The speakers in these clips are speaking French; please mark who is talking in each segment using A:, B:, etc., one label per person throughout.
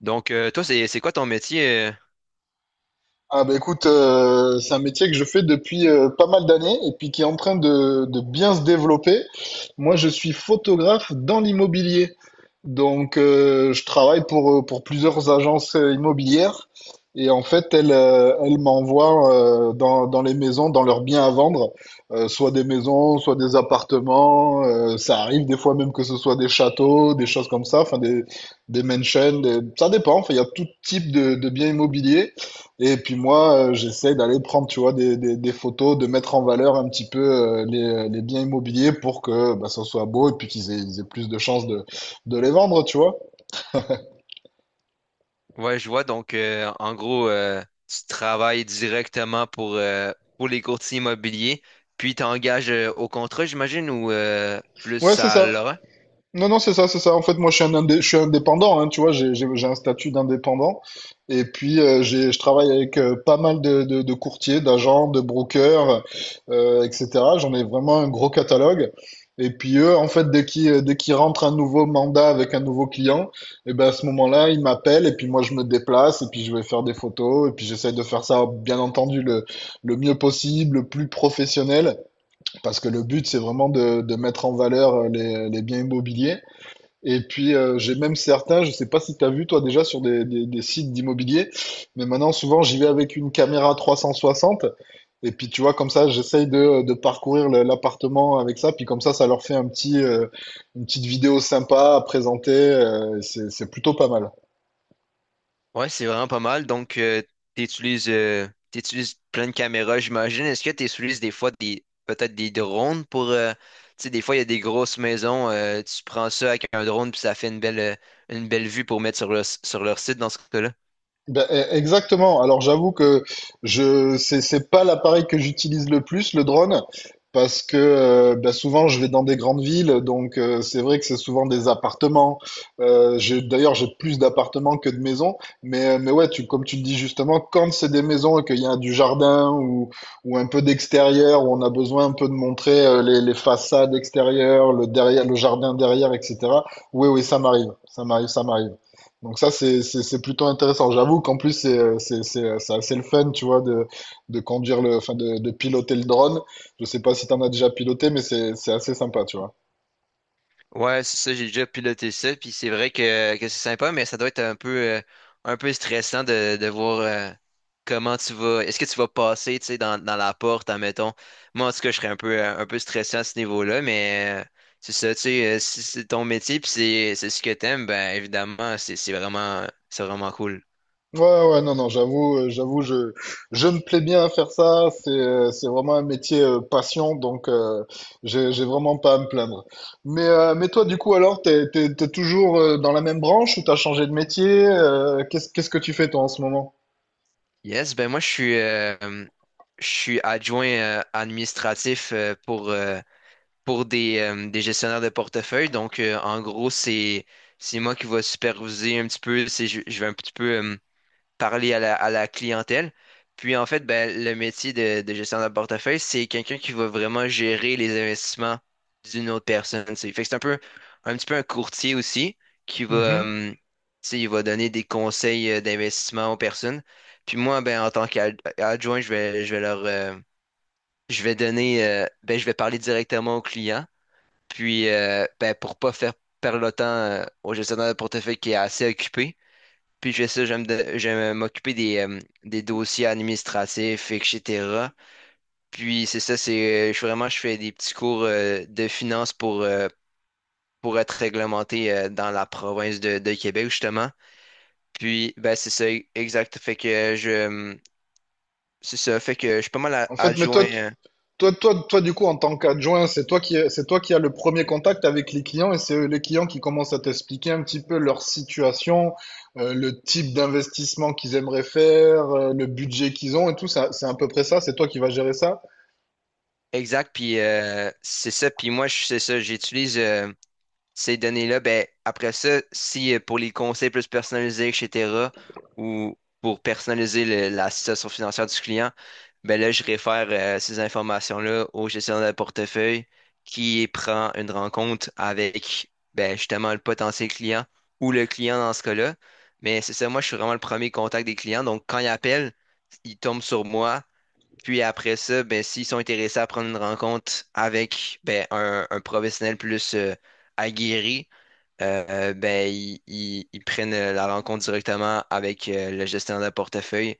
A: Donc, toi, c'est quoi ton métier?
B: Ah bah écoute, c'est un métier que je fais depuis pas mal d'années et puis qui est en train de bien se développer. Moi, je suis photographe dans l'immobilier. Donc, je travaille pour plusieurs agences immobilières, et en fait, elles, elles m'envoient dans les maisons, dans leurs biens à vendre, soit des maisons, soit des appartements. Ça arrive des fois même que ce soit des châteaux, des choses comme ça, enfin des mansions, ça dépend. Enfin, il y a tout type de biens immobiliers. Et puis moi, j'essaie d'aller prendre, tu vois, des photos, de mettre en valeur un petit peu les biens immobiliers pour que bah, ça soit beau et puis qu'ils aient plus de chances de, les vendre, tu vois.
A: Ouais, je vois. Donc, en gros, tu travailles directement pour pour les courtiers immobiliers, puis t'engages au contrat, j'imagine, ou
B: Ouais,
A: plus
B: c'est
A: à
B: ça.
A: l'heure?
B: Non, non, c'est ça, c'est ça. En fait, moi, je suis indépendant, hein, tu vois, j'ai un statut d'indépendant. Et puis, je travaille avec pas mal de courtiers, d'agents, de brokers, etc. J'en ai vraiment un gros catalogue. Et puis, eux, en fait, dès qu'ils rentrent un nouveau mandat avec un nouveau client, et ben, à ce moment-là, ils m'appellent et puis moi, je me déplace et puis je vais faire des photos et puis j'essaie de faire ça, bien entendu, le mieux possible, le plus professionnel, parce que le but, c'est vraiment de mettre en valeur les biens immobiliers. Et puis, j'ai même certains, je sais pas si tu as vu toi déjà sur des sites d'immobilier, mais maintenant souvent j'y vais avec une caméra 360. Et puis tu vois, comme ça, j'essaye de parcourir l'appartement avec ça. Puis comme ça leur fait une petite vidéo sympa à présenter. C'est plutôt pas mal.
A: Ouais, c'est vraiment pas mal. Donc, t'utilises, euh, t'utilises plein de caméras, j'imagine. Est-ce que t'utilises des fois des, peut-être des drones pour, tu sais, des fois, il y a des grosses maisons, tu prends ça avec un drone, puis ça fait une belle vue pour mettre sur sur leur site dans ce cas-là?
B: Ben, exactement. Alors j'avoue que je c'est pas l'appareil que j'utilise le plus, le drone, parce que ben, souvent je vais dans des grandes villes, donc c'est vrai que c'est souvent des appartements. D'ailleurs, j'ai plus d'appartements que de maisons, mais ouais, tu comme tu le dis justement, quand c'est des maisons et qu'il y a du jardin ou un peu d'extérieur où on a besoin un peu de montrer les façades extérieures, le derrière, le jardin derrière, etc. Oui oui, ça m'arrive, ça m'arrive, ça m'arrive. Donc ça, c'est plutôt intéressant. J'avoue qu'en plus, c'est assez le fun, tu vois, enfin, de piloter le drone. Je sais pas si t'en as déjà piloté, mais c'est assez sympa, tu vois.
A: Ouais, c'est ça, j'ai déjà piloté ça, puis c'est vrai que c'est sympa, mais ça doit être un peu stressant de voir comment tu vas. Est-ce que tu vas passer, tu sais, dans la porte, admettons. Moi, en tout cas, je serais un peu stressé à ce niveau-là, mais c'est ça, tu sais, si c'est ton métier, puis c'est ce que t'aimes, ben évidemment, c'est vraiment cool.
B: Ouais, ouais, ouais, non, non, j'avoue, je me plais bien à faire ça. C'est vraiment un métier passion, donc j'ai vraiment pas à me plaindre. Mais toi, du coup, alors, t'es toujours dans la même branche, ou t'as changé de métier? Qu'est-ce que tu fais, toi, en ce moment?
A: Yes, ben moi, je suis adjoint administratif pour des gestionnaires de portefeuille. Donc, en gros, c'est moi qui vais superviser un petit peu, je vais un petit peu parler à à la clientèle. Puis, en fait, ben, le métier de gestionnaire de portefeuille, c'est quelqu'un qui va vraiment gérer les investissements d'une autre personne. C'est, fait que c'est un peu, un petit peu un courtier aussi qui va,
B: Mhm.
A: tu sais, il va donner des conseils d'investissement aux personnes. Puis moi, ben, en tant qu'adjoint, je vais leur, je vais donner, ben, je vais parler directement aux clients puis, ben, pour pas faire perdre le temps au gestionnaire de portefeuille qui est assez occupé. Puis, je fais ça, j'aime m'occuper des dossiers administratifs, et cetera. Puis, c'est ça, vraiment, je fais des petits cours de finance pour être réglementé dans la province de Québec, justement. Puis, ben, c'est ça, exact. Fait que je. C'est ça, fait que je suis pas mal
B: En fait,
A: adjoint.
B: Du coup, en tant qu'adjoint, c'est toi qui as le premier contact avec les clients, et c'est eux, les clients, qui commencent à t'expliquer un petit peu leur situation, le type d'investissement qu'ils aimeraient faire, le budget qu'ils ont et tout. C'est à peu près ça. C'est toi qui vas gérer ça.
A: Exact, puis c'est ça, c'est ça, j'utilise. Ces données-là, ben, après ça, si pour les conseils plus personnalisés, etc., ou pour personnaliser la situation financière du client, ben là, je réfère ces informations-là au gestionnaire de portefeuille qui prend une rencontre avec ben, justement le potentiel client ou le client dans ce cas-là. Mais c'est ça, moi, je suis vraiment le premier contact des clients. Donc, quand ils appellent, ils tombent sur moi. Puis après ça, ben, s'ils sont intéressés à prendre une rencontre avec ben, un professionnel plus aguerri, ben, ils prennent la rencontre directement avec le gestionnaire de portefeuille.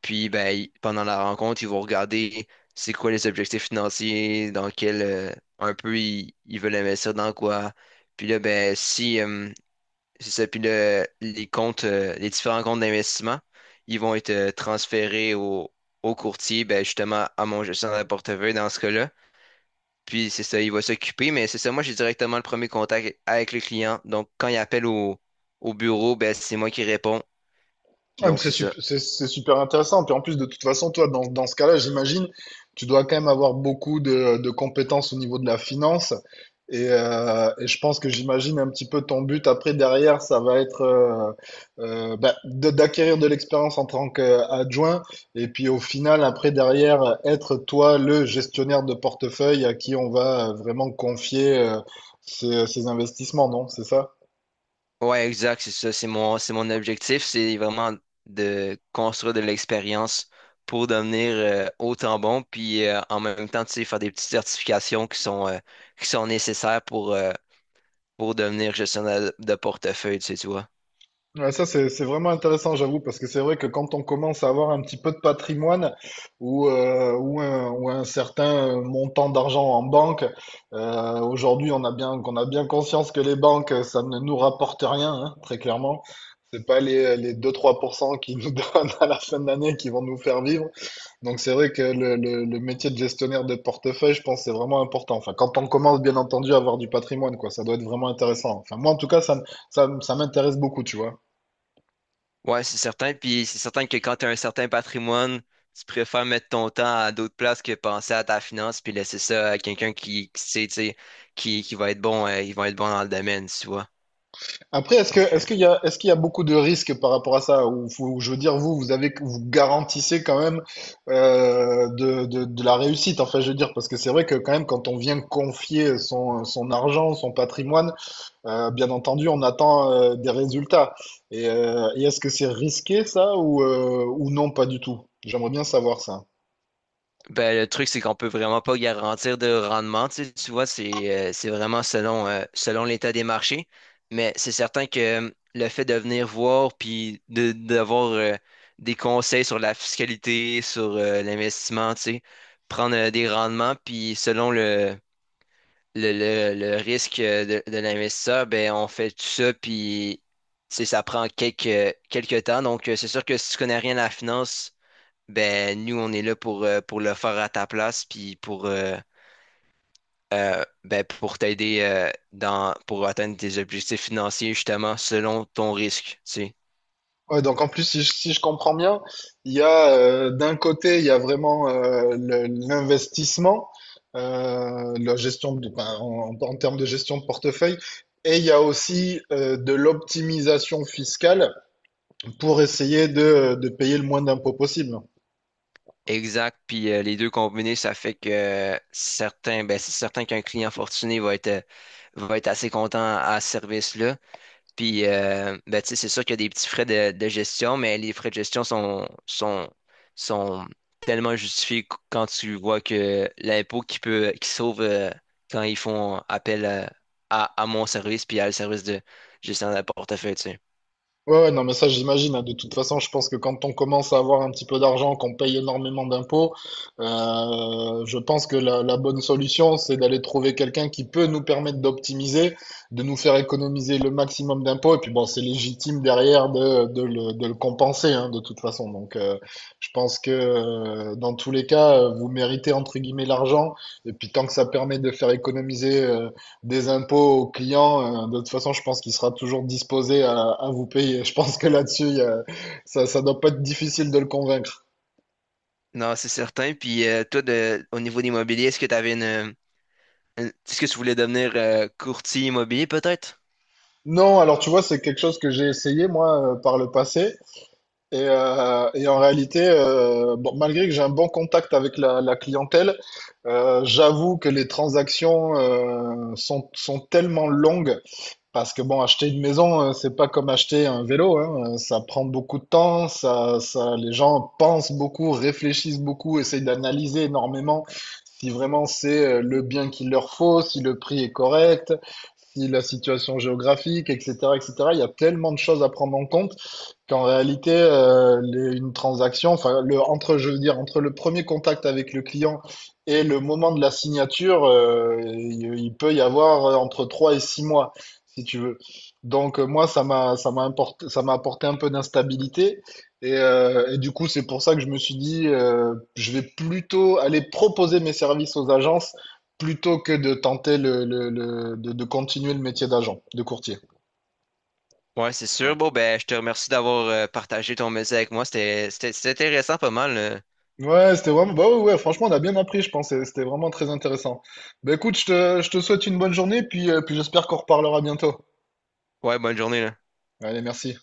A: Puis ben, pendant la rencontre, ils vont regarder c'est quoi les objectifs financiers, dans quel un peu ils, ils veulent investir dans quoi. Puis là, ben, si, c'est ça. Les comptes, les différents comptes d'investissement, ils vont être transférés au, au courtier, ben, justement, à mon gestionnaire de portefeuille dans ce cas-là. Puis c'est ça, il va s'occuper, mais c'est ça, moi j'ai directement le premier contact avec le client. Donc quand il appelle au, au bureau, ben, c'est moi qui réponds.
B: Ah, mais
A: Donc c'est ça.
B: c'est super intéressant. Puis en plus, de toute façon, toi, dans ce cas-là, j'imagine, tu dois quand même avoir beaucoup de compétences au niveau de la finance. Et je pense que j'imagine un petit peu ton but après, derrière, ça va être d'acquérir de l'expérience en tant qu'adjoint. Et puis au final, après, derrière, être toi le gestionnaire de portefeuille à qui on va vraiment confier ces investissements, non? C'est ça?
A: Ouais, exact, c'est ça. C'est mon objectif, c'est vraiment de construire de l'expérience pour devenir autant bon, puis en même temps, tu sais, faire des petites certifications qui sont nécessaires pour devenir gestionnaire de portefeuille, tu sais, tu vois.
B: Ouais, ça, c'est vraiment intéressant, j'avoue, parce que c'est vrai que quand on commence à avoir un petit peu de patrimoine ou un certain montant d'argent en banque, aujourd'hui, qu'on a bien conscience que les banques, ça ne nous rapporte rien, hein, très clairement. C'est pas les, 2-3 % qui nous donnent à la fin de l'année qui vont nous faire vivre. Donc, c'est vrai que le métier de gestionnaire de portefeuille, je pense, c'est vraiment important. Enfin, quand on commence, bien entendu, à avoir du patrimoine, quoi, ça doit être vraiment intéressant. Enfin, moi, en tout cas, ça m'intéresse beaucoup, tu vois.
A: Ouais, c'est certain. Puis c'est certain que quand tu as un certain patrimoine, tu préfères mettre ton temps à d'autres places que penser à ta finance puis laisser ça à quelqu'un qui sait, tu sais, qui va être bon, ils vont être bons dans le domaine, tu vois.
B: Après,
A: Donc, euh,
B: est-ce qu'il y a beaucoup de risques par rapport à ça? Ou, je veux dire, vous garantissez quand même de la réussite. Enfin, je veux dire, parce que c'est vrai que quand même, quand on vient confier son argent, son patrimoine, bien entendu, on attend des résultats. Et est-ce que c'est risqué ça, ou non, pas du tout? J'aimerais bien savoir ça.
A: Ben, le truc, c'est qu'on peut vraiment pas garantir de rendement. Tu sais, tu vois, c'est vraiment selon, selon l'état des marchés. Mais c'est certain que le fait de venir voir puis d'avoir des conseils sur la fiscalité, sur l'investissement, tu sais, prendre des rendements, puis selon le risque de l'investisseur, ben, on fait tout ça, puis tu sais, ça prend quelques, quelques temps. Donc, c'est sûr que si tu connais rien à la finance, ben nous, on est là pour le faire à ta place, puis pour, ben, pour t'aider dans pour atteindre tes objectifs financiers, justement, selon ton risque, tu sais.
B: Ouais, donc en plus, si je comprends bien, il y a d'un côté, il y a vraiment l'investissement, la gestion de, ben, en termes de gestion de portefeuille, et il y a aussi de l'optimisation fiscale pour essayer de payer le moins d'impôts possible.
A: Exact. Puis les deux combinés, ça fait que ben, c'est certain qu'un client fortuné va être assez content à ce service-là. Puis, ben, tu sais, c'est sûr qu'il y a des petits frais de gestion, mais les frais de gestion sont tellement justifiés quand tu vois que l'impôt qui peut, qui sauve quand ils font appel à mon service puis à le service de gestion de portefeuille, tu sais.
B: Ouais, ouais, non, mais ça, j'imagine, hein. De toute façon, je pense que quand on commence à avoir un petit peu d'argent, qu'on paye énormément d'impôts, je pense que la bonne solution, c'est d'aller trouver quelqu'un qui peut nous permettre d'optimiser, de nous faire économiser le maximum d'impôts. Et puis, bon, c'est légitime derrière de le compenser, hein, de toute façon. Donc, je pense que dans tous les cas, vous méritez, entre guillemets, l'argent. Et puis, tant que ça permet de faire économiser des impôts aux clients, de toute façon, je pense qu'il sera toujours disposé à vous payer. Je pense que là-dessus, ça, ça doit pas être difficile de le convaincre.
A: Non, c'est certain. Puis, au niveau de l'immobilier, est-ce que tu avais est-ce que tu voulais devenir courtier immobilier, peut-être?
B: Non, alors tu vois, c'est quelque chose que j'ai essayé moi par le passé. Et en réalité, bon, malgré que j'ai un bon contact avec la clientèle, j'avoue que les transactions sont tellement longues. Parce que bon, acheter une maison, c'est pas comme acheter un vélo, hein. Ça prend beaucoup de temps, les gens pensent beaucoup, réfléchissent beaucoup, essayent d'analyser énormément si vraiment c'est le bien qu'il leur faut, si le prix est correct, aussi la situation géographique, etc., etc. Il y a tellement de choses à prendre en compte qu'en réalité, une transaction, enfin, entre, je veux dire, entre le premier contact avec le client et le moment de la signature, il peut y avoir entre 3 et 6 mois, si tu veux. Donc, moi, ça m'a apporté un peu d'instabilité. Et du coup, c'est pour ça que je me suis dit, je vais plutôt aller proposer mes services aux agences plutôt que de tenter de continuer le métier d'agent, de courtier, tu
A: Ouais, c'est sûr.
B: vois.
A: Bon, ben, je te remercie d'avoir partagé ton métier avec moi. C'était intéressant, pas mal.
B: Ouais, c'était vraiment, bah ouais, ouais, franchement, on a bien appris, je pense, et c'était vraiment très intéressant. Bah écoute, je te souhaite une bonne journée, puis, puis j'espère qu'on reparlera bientôt.
A: Ouais, bonne journée, là.
B: Allez, merci.